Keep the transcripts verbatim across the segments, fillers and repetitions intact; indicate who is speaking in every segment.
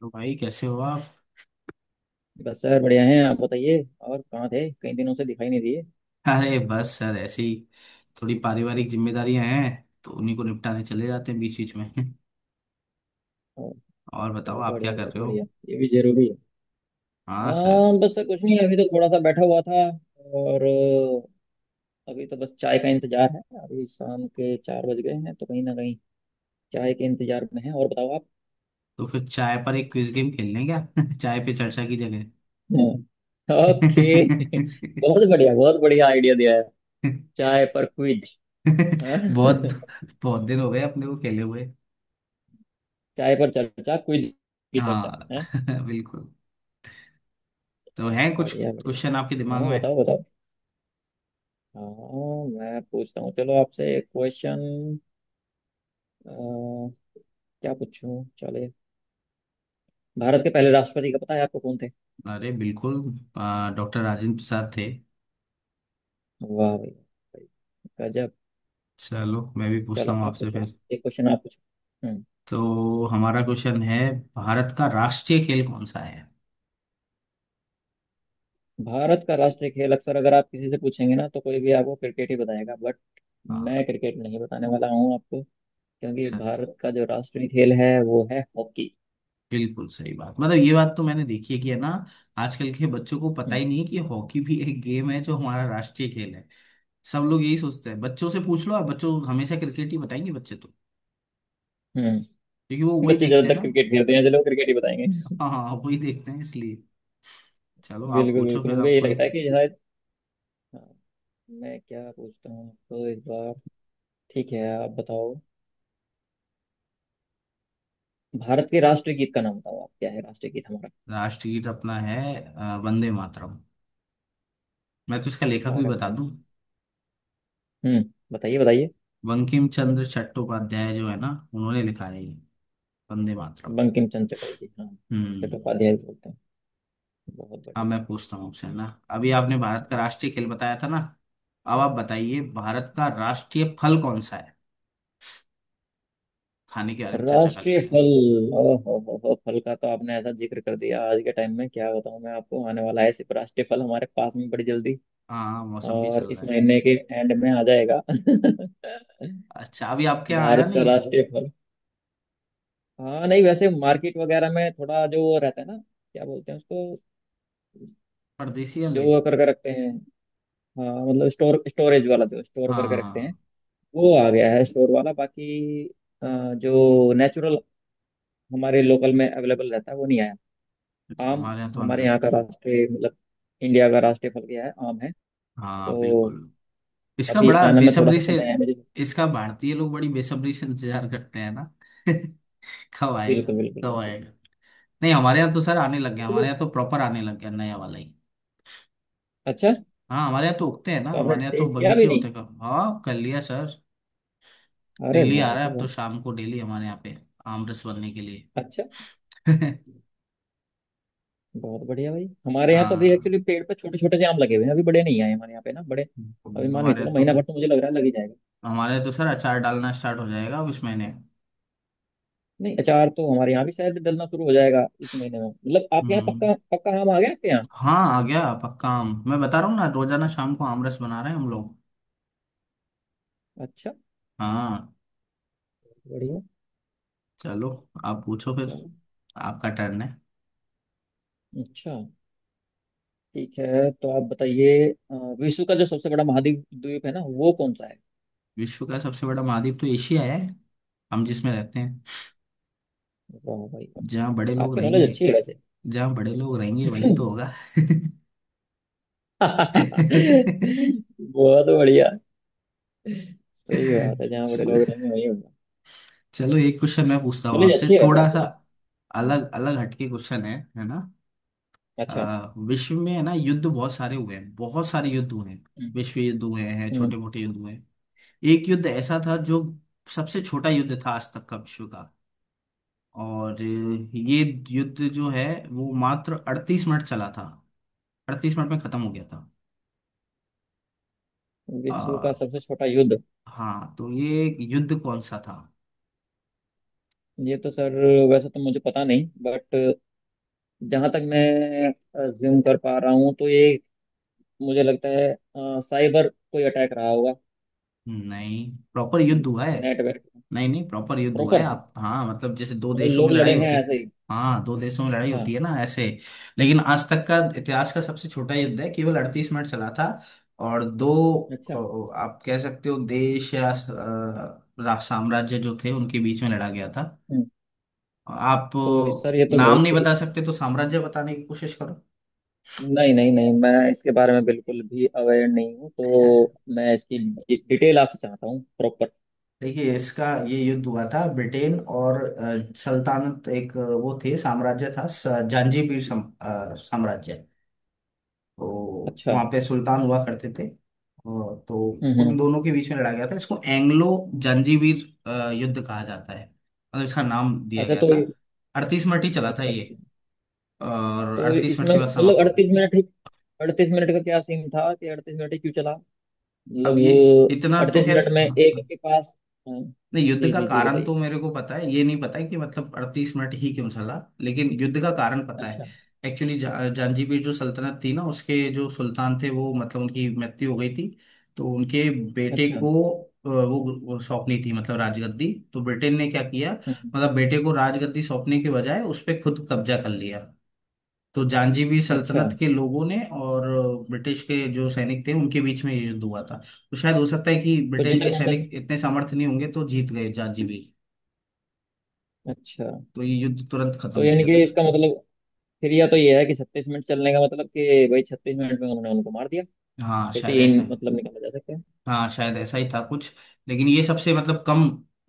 Speaker 1: तो भाई कैसे हो आप।
Speaker 2: बस सर बढ़िया हैं। आप बताइए, और कहाँ थे, कई दिनों से दिखाई नहीं दिए।
Speaker 1: अरे बस सर ऐसे ही थोड़ी पारिवारिक जिम्मेदारियां हैं। तो उन्हीं को निपटाने चले जाते हैं बीच बीच में
Speaker 2: और
Speaker 1: और बताओ
Speaker 2: बहुत
Speaker 1: आप क्या
Speaker 2: बढ़िया,
Speaker 1: कर
Speaker 2: बहुत
Speaker 1: रहे हो।
Speaker 2: बढ़िया। ये भी जरूरी है। आ,
Speaker 1: हाँ सर।
Speaker 2: बस सर कुछ नहीं, अभी तो थोड़ा सा बैठा हुआ था। और अ, अभी तो बस चाय का इंतजार है। अभी शाम के चार बज गए हैं तो कहीं ना कहीं चाय के इंतजार में है। और बताओ आप।
Speaker 1: तो फिर चाय पर एक क्विज गेम खेल लें क्या। चाय पे चर्चा की जगह।
Speaker 2: हाँ। ओके। बहुत बढ़िया, बहुत बढ़िया आइडिया दिया है। चाय पर क्विज।
Speaker 1: बहुत बहुत दिन हो गए अपने को खेले हुए।
Speaker 2: चाय पर चर्चा क्विज की चर्चा
Speaker 1: हाँ
Speaker 2: है।
Speaker 1: बिल्कुल। तो हैं कुछ
Speaker 2: बढ़िया बढ़िया।
Speaker 1: क्वेश्चन आपके दिमाग
Speaker 2: हाँ,
Speaker 1: में।
Speaker 2: बताओ बताओ। हाँ, मैं पूछता हूँ, चलो आपसे एक क्वेश्चन क्या पूछूं? चले, भारत के पहले राष्ट्रपति का पता है आपको, कौन थे?
Speaker 1: अरे बिल्कुल, डॉक्टर राजेंद्र प्रसाद थे।
Speaker 2: वाह भाई भाई, गजब।
Speaker 1: चलो मैं भी पूछता
Speaker 2: चलो
Speaker 1: हूँ
Speaker 2: आप
Speaker 1: आपसे
Speaker 2: पूछो
Speaker 1: फिर।
Speaker 2: एक क्वेश्चन, आप पूछो। हम्म।
Speaker 1: तो हमारा क्वेश्चन है, भारत का राष्ट्रीय खेल कौन सा है।
Speaker 2: भारत का राष्ट्रीय खेल अक्सर अगर आप किसी से पूछेंगे ना तो कोई भी आपको क्रिकेट ही बताएगा, बट मैं
Speaker 1: हाँ।
Speaker 2: क्रिकेट नहीं बताने वाला हूँ आपको। क्योंकि
Speaker 1: अच्छा,
Speaker 2: भारत का जो राष्ट्रीय खेल है वो है हॉकी।
Speaker 1: बिल्कुल सही बात। मतलब ये बात तो मैंने देखी है कि है ना, आजकल के बच्चों को पता
Speaker 2: हम्म।
Speaker 1: ही नहीं है कि हॉकी भी एक गेम है जो हमारा राष्ट्रीय खेल है। सब लोग यही सोचते हैं, बच्चों से पूछ लो आप, बच्चों हमेशा क्रिकेट ही बताएंगे बच्चे तो,
Speaker 2: हम्म।
Speaker 1: क्योंकि वो वही
Speaker 2: बच्चे
Speaker 1: देखते हैं
Speaker 2: ज्यादातर
Speaker 1: ना।
Speaker 2: क्रिकेट खेलते हैं, चलो क्रिकेट ही बताएंगे।
Speaker 1: हाँ हाँ, वही देखते हैं इसलिए। चलो आप
Speaker 2: बिल्कुल
Speaker 1: पूछो
Speaker 2: बिल्कुल,
Speaker 1: फिर
Speaker 2: उनको
Speaker 1: आप
Speaker 2: यही
Speaker 1: कोई।
Speaker 2: लगता है कि शायद। हाँ, मैं क्या पूछता हूँ आपको इस बार। ठीक है, आप बताओ भारत के राष्ट्रीय गीत का नाम, बताओ आप क्या है राष्ट्रीय गीत हमारा?
Speaker 1: राष्ट्रगीत अपना है अ, वंदे मातरम। मैं तो इसका लेखक भी
Speaker 2: अरे
Speaker 1: बता
Speaker 2: वाह।
Speaker 1: दूं।
Speaker 2: हम्म। बताइए बताइए।
Speaker 1: बंकिम चंद्र चट्टोपाध्याय जो है ना, उन्होंने लिखा है ये। वंदे मातरम।
Speaker 2: बंकिम चंद्र चटर्जी, हाँ।
Speaker 1: हम्म।
Speaker 2: चट्टोपाध्याय भी बोलते हैं। बहुत
Speaker 1: अब
Speaker 2: बढ़िया।
Speaker 1: मैं पूछता हूँ आपसे है ना, अभी आपने भारत का राष्ट्रीय खेल बताया था ना, अब आप बताइए भारत का राष्ट्रीय फल कौन सा है। खाने के बारे में चर्चा कर
Speaker 2: राष्ट्रीय
Speaker 1: लेते हैं।
Speaker 2: फल। ओ हो हो हो फल का तो आपने ऐसा जिक्र कर दिया। आज के टाइम में क्या बताऊं मैं आपको, आने वाला है सिर्फ राष्ट्रीय फल हमारे पास में बड़ी जल्दी।
Speaker 1: हाँ हाँ, मौसम भी
Speaker 2: और
Speaker 1: चल
Speaker 2: इस
Speaker 1: रहा है।
Speaker 2: महीने के एंड में आ जाएगा।
Speaker 1: अच्छा, अभी आपके यहाँ आया
Speaker 2: भारत का
Speaker 1: नहीं है।
Speaker 2: राष्ट्रीय फल। हाँ, नहीं वैसे मार्केट वगैरह में थोड़ा जो रहता है ना, क्या बोलते हैं उसको,
Speaker 1: परदेसी
Speaker 2: जो
Speaker 1: वाले।
Speaker 2: वो करके रखते हैं। हाँ, मतलब स्टोर, स्टोरेज वाला, जो स्टोर करके रखते हैं।
Speaker 1: हाँ।
Speaker 2: वो आ गया है स्टोर वाला, बाकी अ, जो नेचुरल हमारे लोकल में अवेलेबल रहता है वो नहीं आया।
Speaker 1: अच्छा,
Speaker 2: आम।
Speaker 1: हमारे यहाँ तो आने
Speaker 2: हमारे यहाँ
Speaker 1: लगे।
Speaker 2: का राष्ट्रीय मतलब इंडिया का राष्ट्रीय फल क्या है, आम है।
Speaker 1: हाँ
Speaker 2: तो
Speaker 1: बिल्कुल। इसका
Speaker 2: अभी
Speaker 1: बड़ा
Speaker 2: आने में थोड़ा
Speaker 1: बेसब्री
Speaker 2: सा
Speaker 1: से,
Speaker 2: समय है मुझे।
Speaker 1: इसका भारतीय लोग बड़ी बेसब्री से इंतजार करते हैं ना। कब आएगा।
Speaker 2: बिल्कुल बिल्कुल
Speaker 1: कब
Speaker 2: बिल्कुल।
Speaker 1: आएगा। नहीं हमारे यहाँ तो सर आने लग गया, हमारे यहाँ तो प्रॉपर आने लग गया नया वाला ही।
Speaker 2: अच्छा,
Speaker 1: हाँ हमारे यहाँ तो उगते हैं ना,
Speaker 2: तो आपने
Speaker 1: हमारे यहाँ तो
Speaker 2: टेस्ट किया
Speaker 1: बगीचे
Speaker 2: भी
Speaker 1: होते
Speaker 2: नहीं?
Speaker 1: हैं। कब हाँ कर लिया सर।
Speaker 2: अरे
Speaker 1: डेली आ
Speaker 2: वाह
Speaker 1: रहा है,
Speaker 2: जी
Speaker 1: अब तो
Speaker 2: वाह।
Speaker 1: शाम को डेली हमारे यहाँ पे आम रस बनने के लिए
Speaker 2: अच्छा। बहुत बढ़िया भाई, हमारे यहाँ तो अभी
Speaker 1: हाँ
Speaker 2: एक्चुअली पेड़ पे छोटे छोटे से आम लगे हुए हैं, अभी बड़े नहीं आए हमारे यहाँ पे ना, बड़े। अभी मान के
Speaker 1: हमारे
Speaker 2: चलो
Speaker 1: यहाँ तो,
Speaker 2: महीना भर तो मुझे लग रहा है लग ही जाएगा।
Speaker 1: हमारे यहाँ तो सर अचार डालना स्टार्ट हो जाएगा अब इस महीने।
Speaker 2: नहीं, अचार तो हमारे यहाँ भी शायद डलना शुरू हो जाएगा इस महीने में। मतलब आपके यहाँ
Speaker 1: हम्म।
Speaker 2: पक्का पक्का आम आ गया, आपके यहाँ?
Speaker 1: हाँ आ गया पक्का आम, मैं बता रहा हूँ ना, रोजाना शाम को आम रस बना रहे हैं हम लोग।
Speaker 2: अच्छा।
Speaker 1: हाँ।
Speaker 2: बढ़िया।
Speaker 1: चलो आप पूछो फिर।
Speaker 2: चलो।
Speaker 1: आपका टर्न है।
Speaker 2: अच्छा। ठीक है, तो आप बताइए अ, विश्व का जो सबसे बड़ा महाद्वीप, द्वीप है ना, वो कौन सा है?
Speaker 1: विश्व का सबसे बड़ा महाद्वीप तो एशिया है, हम जिसमें रहते हैं।
Speaker 2: वाह भाई
Speaker 1: जहाँ बड़े
Speaker 2: वाह,
Speaker 1: लोग
Speaker 2: आपकी नॉलेज
Speaker 1: रहेंगे,
Speaker 2: अच्छी है वैसे।
Speaker 1: जहाँ बड़े लोग रहेंगे वहीं तो होगा।
Speaker 2: बहुत बढ़िया। सही बात है, जहाँ बड़े
Speaker 1: च-
Speaker 2: लोग रहेंगे वही होगा।
Speaker 1: चलो एक क्वेश्चन मैं पूछता हूँ
Speaker 2: नॉलेज
Speaker 1: आपसे,
Speaker 2: अच्छी है वैसे
Speaker 1: थोड़ा
Speaker 2: आपको
Speaker 1: सा
Speaker 2: ना।
Speaker 1: अलग अलग हटके क्वेश्चन है है ना।
Speaker 2: अच्छा।
Speaker 1: अ, विश्व में है ना युद्ध बहुत सारे हुए हैं, बहुत सारे युद्ध हुए हैं,
Speaker 2: हम्म।
Speaker 1: विश्व युद्ध हुए हैं,
Speaker 2: हम्म।
Speaker 1: छोटे मोटे युद्ध हुए हैं। एक युद्ध ऐसा था जो सबसे छोटा युद्ध था आज तक का विश्व का। और अ, ये युद्ध जो है, वो मात्र अड़तीस मिनट चला था, अड़तीस मिनट में खत्म हो गया था।
Speaker 2: विश्व का
Speaker 1: अ,
Speaker 2: सबसे छोटा युद्ध।
Speaker 1: हाँ तो ये युद्ध कौन सा था।
Speaker 2: ये तो सर वैसे तो मुझे पता नहीं, बट जहां तक मैं ज्यूम कर पा रहा हूँ तो ये, मुझे लगता है अ, साइबर कोई अटैक रहा होगा।
Speaker 1: नहीं प्रॉपर युद्ध हुआ है।
Speaker 2: नेट वेट।
Speaker 1: नहीं नहीं प्रॉपर युद्ध हुआ है
Speaker 2: प्रॉपर,
Speaker 1: आप, हाँ मतलब जैसे दो
Speaker 2: मतलब
Speaker 1: देशों में
Speaker 2: लोग लड़े
Speaker 1: लड़ाई
Speaker 2: हैं
Speaker 1: होती है।
Speaker 2: ऐसे ही।
Speaker 1: हाँ दो देशों में लड़ाई होती है
Speaker 2: हाँ।
Speaker 1: ना ऐसे, लेकिन आज तक का इतिहास का सबसे छोटा युद्ध है, केवल अड़तीस मिनट चला था। और दो
Speaker 2: अच्छा।
Speaker 1: अ, आप कह सकते हो देश या अ, रा- साम्राज्य जो थे उनके बीच में लड़ा गया था।
Speaker 2: हम्म,
Speaker 1: आप
Speaker 2: तो सर ये
Speaker 1: अ,
Speaker 2: तो
Speaker 1: नाम नहीं
Speaker 2: बहुत ही,
Speaker 1: बता सकते तो साम्राज्य बताने की कोशिश करो।
Speaker 2: नहीं नहीं नहीं, मैं इसके बारे में बिल्कुल भी अवेयर नहीं हूँ तो मैं इसकी डिटेल आपसे चाहता हूँ, प्रॉपर।
Speaker 1: देखिए इसका, ये युद्ध हुआ था ब्रिटेन और अ, सल्तनत, एक अ, वो थे, साम्राज्य था स- जंजीबार सम, अ, साम्राज्य। तो
Speaker 2: अच्छा।
Speaker 1: वहाँ पे सुल्तान हुआ करते थे, और तो
Speaker 2: हम्म।
Speaker 1: उन
Speaker 2: हम्म।
Speaker 1: दोनों के बीच में लड़ा गया था। इसको एंग्लो जंजीबार युद्ध कहा जाता है, मतलब इसका नाम दिया
Speaker 2: अच्छा,
Speaker 1: गया
Speaker 2: तो
Speaker 1: था।
Speaker 2: ये,
Speaker 1: अड़तीस मिनट ही चला था
Speaker 2: अच्छा
Speaker 1: ये,
Speaker 2: अच्छा।
Speaker 1: और
Speaker 2: तो
Speaker 1: अड़तीस मिनट
Speaker 2: इसमें
Speaker 1: के बाद
Speaker 2: मतलब
Speaker 1: समाप्त हो गया।
Speaker 2: अड़तीस मिनट ही, अड़तीस मिनट का क्या सीन था कि अड़तीस मिनट ही क्यों चला,
Speaker 1: अब ये,
Speaker 2: मतलब
Speaker 1: इतना तो
Speaker 2: अड़तीस
Speaker 1: खैर
Speaker 2: मिनट में
Speaker 1: हाँ,
Speaker 2: एक के पास, हाँ,
Speaker 1: नहीं युद्ध
Speaker 2: जी
Speaker 1: का
Speaker 2: जी जी
Speaker 1: कारण
Speaker 2: बताइए।
Speaker 1: तो मेरे को पता है, ये नहीं पता है कि मतलब अड़तीस मिनट ही क्यों चला, लेकिन युद्ध का कारण पता है।
Speaker 2: अच्छा।
Speaker 1: एक्चुअली जा, जांजीबीर जो सल्तनत थी ना, उसके जो सुल्तान थे वो, मतलब उनकी मृत्यु हो गई थी। तो उनके बेटे
Speaker 2: अच्छा।
Speaker 1: को अ, वो वो सौंपनी थी मतलब राजगद्दी। तो ब्रिटेन ने क्या किया,
Speaker 2: हम्म।
Speaker 1: मतलब बेटे को राजगद्दी सौंपने के बजाय उस पर खुद कब्जा कर लिया। तो जांजीबी
Speaker 2: अच्छा।
Speaker 1: सल्तनत के लोगों ने और ब्रिटिश के जो सैनिक थे उनके बीच में ये युद्ध हुआ था। तो शायद हो सकता है कि
Speaker 2: तो
Speaker 1: ब्रिटेन
Speaker 2: जीता
Speaker 1: के
Speaker 2: कौन था?
Speaker 1: सैनिक इतने सामर्थ्य नहीं होंगे तो जीत गए जांजीबी,
Speaker 2: अच्छा।
Speaker 1: तो ये युद्ध तुरंत खत्म
Speaker 2: तो
Speaker 1: हो
Speaker 2: यानी
Speaker 1: गया था।
Speaker 2: कि इसका मतलब फिर, या तो ये है कि छत्तीस मिनट चलने का मतलब कि भाई छत्तीस मिनट में उन्होंने उनको मार दिया।
Speaker 1: हाँ
Speaker 2: फिर तो
Speaker 1: शायद
Speaker 2: यही
Speaker 1: ऐसा है।
Speaker 2: मतलब निकाला जा सकता है।
Speaker 1: हाँ शायद ऐसा ही था कुछ, लेकिन ये सबसे मतलब कम,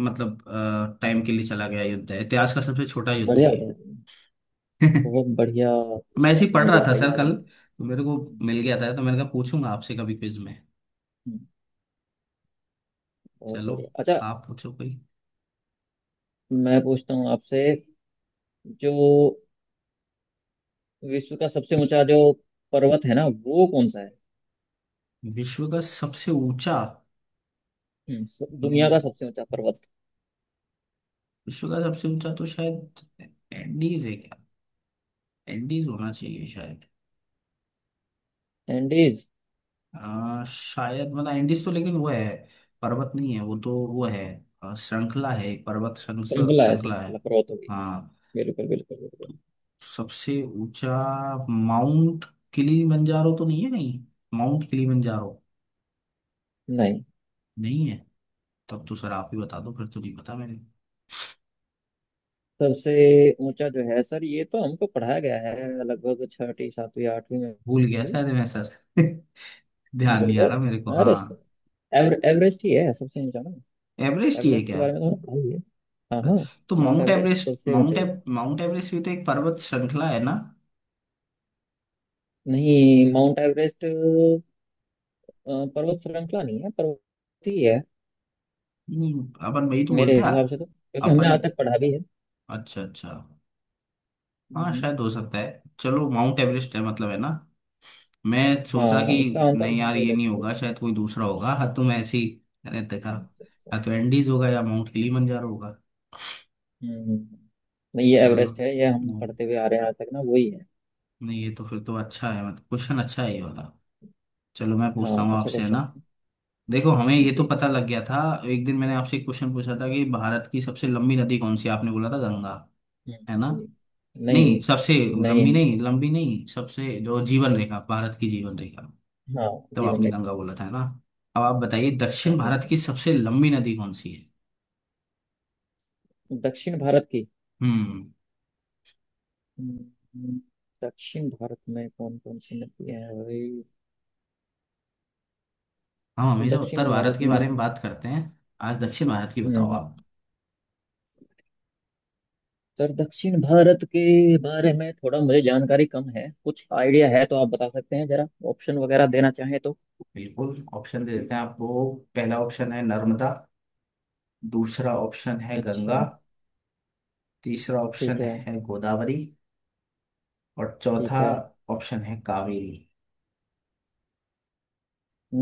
Speaker 1: मतलब टाइम
Speaker 2: हम्म।
Speaker 1: के लिए चला गया युद्ध है, इतिहास का सबसे छोटा युद्ध
Speaker 2: बढ़िया
Speaker 1: है ये।
Speaker 2: बताया तुमने। बहुत बढ़िया
Speaker 1: मैं
Speaker 2: चीज
Speaker 1: ऐसे ही
Speaker 2: आपने
Speaker 1: पढ़ रहा
Speaker 2: मुझे
Speaker 1: था
Speaker 2: बताई
Speaker 1: सर,
Speaker 2: आज
Speaker 1: कल
Speaker 2: ना।
Speaker 1: तो मेरे को मिल गया था, तो मैंने कहा पूछूंगा आपसे कभी क्विज में।
Speaker 2: हम्म, बहुत
Speaker 1: चलो
Speaker 2: बढ़िया। अच्छा,
Speaker 1: आप पूछो कोई।
Speaker 2: मैं पूछता हूँ आपसे, जो विश्व का सबसे ऊंचा जो पर्वत है ना, वो कौन सा है?
Speaker 1: विश्व का सबसे ऊंचा,
Speaker 2: हम्म, स- दुनिया का सबसे ऊंचा पर्वत
Speaker 1: विश्व का सबसे ऊंचा तो शायद एंडीज है क्या, एंडीज होना चाहिए शायद।
Speaker 2: एंडीज
Speaker 1: आ, शायद मतलब एंडीज तो, लेकिन वो है, पर्वत नहीं है वो तो, वो है आ, श्रृंखला है, एक पर्वत श्रृंखला,
Speaker 2: श्रृंखला है,
Speaker 1: श्रृंखला है।
Speaker 2: श्रृंखला पर्वत होगी।
Speaker 1: हाँ
Speaker 2: बिल्कुल बिल्कुल बिल्कुल।
Speaker 1: तो सबसे ऊंचा माउंट किलीमंजारो तो नहीं है, नहीं माउंट किलीमंजारो
Speaker 2: नहीं,
Speaker 1: नहीं है। तब तो सर आप ही बता दो फिर, तो नहीं पता मैंने,
Speaker 2: सबसे ऊंचा जो है सर, ये तो हमको पढ़ाया गया है लगभग छठी सातवीं आठवीं में
Speaker 1: भूल गया
Speaker 2: भी।
Speaker 1: शायद मैं सर। ध्यान नहीं
Speaker 2: बोले
Speaker 1: आ रहा मेरे को।
Speaker 2: अरे सर,
Speaker 1: हाँ
Speaker 2: एवर, एवरेस्ट ही है सबसे ऊंचा ना?
Speaker 1: एवरेस्ट ही है
Speaker 2: एवरेस्ट के
Speaker 1: क्या।
Speaker 2: बारे में तो हमने पढ़ा ही है। हाँ हाँ।
Speaker 1: तो
Speaker 2: माउंट
Speaker 1: माउंट
Speaker 2: एवरेस्ट
Speaker 1: एवरेस्ट,
Speaker 2: सबसे ऊंचा
Speaker 1: माउंट
Speaker 2: ही
Speaker 1: एव,
Speaker 2: है।
Speaker 1: माउंट एवरेस्ट भी तो एक पर्वत श्रृंखला है ना।
Speaker 2: नहीं, माउंट एवरेस्ट अ, पर्वत श्रृंखला नहीं है, पर्वत ही है।
Speaker 1: नहीं अपन वही तो
Speaker 2: मेरे
Speaker 1: बोलते हैं।
Speaker 2: हिसाब से तो, क्योंकि हमने
Speaker 1: अपन,
Speaker 2: आज तक पढ़ा भी है।
Speaker 1: अच्छा अच्छा। हाँ
Speaker 2: हम्म,
Speaker 1: शायद हो सकता है, चलो माउंट एवरेस्ट है मतलब, है ना, मैं सोचा कि
Speaker 2: हाँ, इसका आंसर
Speaker 1: नहीं यार
Speaker 2: माउंट
Speaker 1: ये नहीं
Speaker 2: एवरेस्ट।
Speaker 1: होगा शायद, कोई दूसरा होगा। हाँ तो मैं ऐसे ही, मैंने देखा,
Speaker 2: अच्छा।
Speaker 1: हाँ तो एंडीज होगा या माउंट किलीमंजारो होगा।
Speaker 2: हम्म। नहीं, ये
Speaker 1: चलो,
Speaker 2: एवरेस्ट है, ये हम
Speaker 1: नहीं
Speaker 2: पढ़ते हुए आ रहे हैं आज तक ना, वही है।
Speaker 1: नहीं ये तो फिर तो अच्छा है, मतलब क्वेश्चन अच्छा है ये वाला। चलो मैं
Speaker 2: हाँ,
Speaker 1: पूछता हूँ
Speaker 2: अच्छा
Speaker 1: आपसे है ना,
Speaker 2: क्वेश्चन है।
Speaker 1: देखो हमें ये तो
Speaker 2: जी।
Speaker 1: पता लग गया था। एक दिन मैंने आपसे एक क्वेश्चन पूछा था कि भारत की सबसे लंबी नदी कौन सी है? आपने बोला था गंगा,
Speaker 2: हम्म,
Speaker 1: है ना,
Speaker 2: जी। नहीं।
Speaker 1: नहीं सबसे
Speaker 2: नहीं।
Speaker 1: लंबी नहीं, लंबी नहीं सबसे जो जीवन रेखा, भारत की जीवन रेखा तब,
Speaker 2: हाँ।
Speaker 1: तो
Speaker 2: जीवन
Speaker 1: आपने
Speaker 2: रेखा।
Speaker 1: गंगा बोला था है ना। अब आप बताइए
Speaker 2: हाँ
Speaker 1: दक्षिण
Speaker 2: जी, हाँ
Speaker 1: भारत की
Speaker 2: जी।
Speaker 1: सबसे लंबी नदी कौन सी है।
Speaker 2: दक्षिण भारत की।
Speaker 1: हम्म।
Speaker 2: हम्म, दक्षिण भारत में कौन कौन सी नदियां हैं भाई?
Speaker 1: हम हमेशा
Speaker 2: दक्षिण
Speaker 1: उत्तर भारत
Speaker 2: भारत
Speaker 1: के
Speaker 2: में।
Speaker 1: बारे में बात करते हैं, आज दक्षिण भारत की
Speaker 2: हम्म
Speaker 1: बताओ
Speaker 2: हम्म।
Speaker 1: आप।
Speaker 2: सर दक्षिण भारत के बारे में थोड़ा मुझे जानकारी कम है, कुछ आइडिया है तो आप बता सकते हैं, जरा ऑप्शन वगैरह देना चाहें तो।
Speaker 1: बिल्कुल ऑप्शन दे देते हैं आपको। पहला ऑप्शन है नर्मदा, दूसरा ऑप्शन है
Speaker 2: अच्छा।
Speaker 1: गंगा, तीसरा ऑप्शन
Speaker 2: ठीक है।
Speaker 1: है गोदावरी, और
Speaker 2: ठीक
Speaker 1: चौथा
Speaker 2: है।
Speaker 1: ऑप्शन है कावेरी।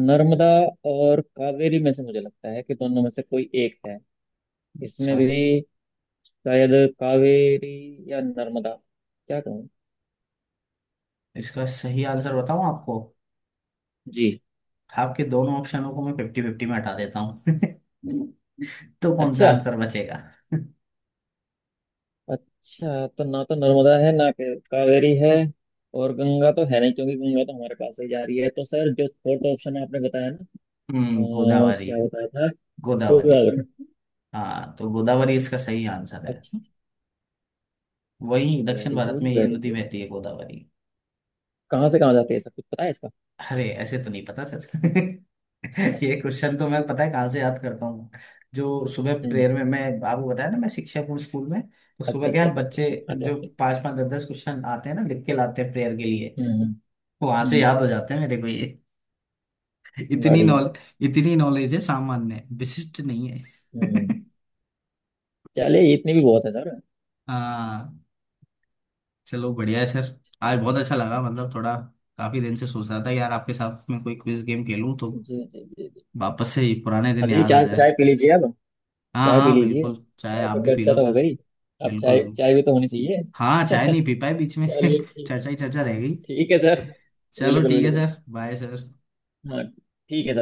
Speaker 2: नर्मदा और कावेरी में से मुझे लगता है कि दोनों में से कोई एक है, इसमें
Speaker 1: अच्छा,
Speaker 2: भी। शायद कावेरी या नर्मदा, क्या कहूँ।
Speaker 1: इसका सही आंसर बताऊं आपको,
Speaker 2: जी।
Speaker 1: आपके दोनों ऑप्शनों को मैं फिफ्टी फिफ्टी में हटा देता हूँ। तो कौन सा
Speaker 2: अच्छा,
Speaker 1: आंसर बचेगा।
Speaker 2: अच्छा, तो ना तो नर्मदा है, ना के- कावेरी है, और गंगा तो है नहीं क्योंकि गंगा तो हमारे पास ही जा रही है, तो सर जो फोर्थ ऑप्शन आपने बताया ना,
Speaker 1: हम्म,
Speaker 2: अ,
Speaker 1: गोदावरी।
Speaker 2: क्या बताया था?
Speaker 1: गोदावरी।
Speaker 2: गोदावरी।
Speaker 1: हाँ तो गोदावरी इसका सही आंसर है।
Speaker 2: अच्छा।
Speaker 1: वही दक्षिण
Speaker 2: वेरी
Speaker 1: भारत में
Speaker 2: गुड,
Speaker 1: ये
Speaker 2: वेरी
Speaker 1: नदी
Speaker 2: गुड।
Speaker 1: बहती है, गोदावरी।
Speaker 2: कहाँ से कहाँ जाती है, सब कुछ पता है इसका?
Speaker 1: अरे ऐसे तो नहीं पता सर। ये
Speaker 2: अच्छा।
Speaker 1: क्वेश्चन तो मैं, पता है कहाँ से याद करता हूँ, जो सुबह
Speaker 2: हम्म।
Speaker 1: प्रेयर में, मैं आपको बताया ना मैं शिक्षक हूँ स्कूल में, तो
Speaker 2: अच्छा
Speaker 1: सुबह क्या
Speaker 2: अच्छा
Speaker 1: है,
Speaker 2: अच्छा अच्छा
Speaker 1: बच्चे
Speaker 2: अच्छा, आगे
Speaker 1: जो
Speaker 2: आगे।
Speaker 1: पांच पांच दस दस क्वेश्चन आते हैं ना, लिख के लाते हैं प्रेयर के लिए,
Speaker 2: हम्म हम्म।
Speaker 1: वो वहां से
Speaker 2: हम्म,
Speaker 1: याद हो जाते हैं मेरे को ये। इतनी
Speaker 2: बढ़िया।
Speaker 1: नॉल इतनी नॉलेज है, सामान्य है, विशिष्ट नहीं
Speaker 2: हम्म।
Speaker 1: है।
Speaker 2: चलिए, इतनी भी बहुत है सर।
Speaker 1: हाँ। चलो बढ़िया है सर, आज बहुत अच्छा लगा मतलब, थोड़ा काफी दिन से सोच रहा था यार आपके साथ में कोई क्विज गेम खेलूं, तो
Speaker 2: जी जी जी जी।
Speaker 1: वापस से ये पुराने दिन
Speaker 2: बताइए।
Speaker 1: याद आ
Speaker 2: चाय
Speaker 1: जाए।
Speaker 2: चाय पी लीजिए अब।
Speaker 1: हाँ
Speaker 2: चाय पी
Speaker 1: हाँ
Speaker 2: लीजिए,
Speaker 1: बिल्कुल, चाय
Speaker 2: चाय
Speaker 1: आप
Speaker 2: पर
Speaker 1: भी पी
Speaker 2: चर्चा
Speaker 1: लो
Speaker 2: तो
Speaker 1: सर।
Speaker 2: हो गई, अब चाय
Speaker 1: बिल्कुल।
Speaker 2: चाय भी तो होनी चाहिए।
Speaker 1: हाँ चाय नहीं पी पाए बीच में,
Speaker 2: चलिए ठीक
Speaker 1: चर्चा ही चर्चा
Speaker 2: है। हाँ
Speaker 1: रह गई।
Speaker 2: ठीक है सर।
Speaker 1: चलो
Speaker 2: बिल्कुल
Speaker 1: ठीक है
Speaker 2: बिल्कुल।
Speaker 1: Sir, bye sir.
Speaker 2: हाँ। ठीक है सर।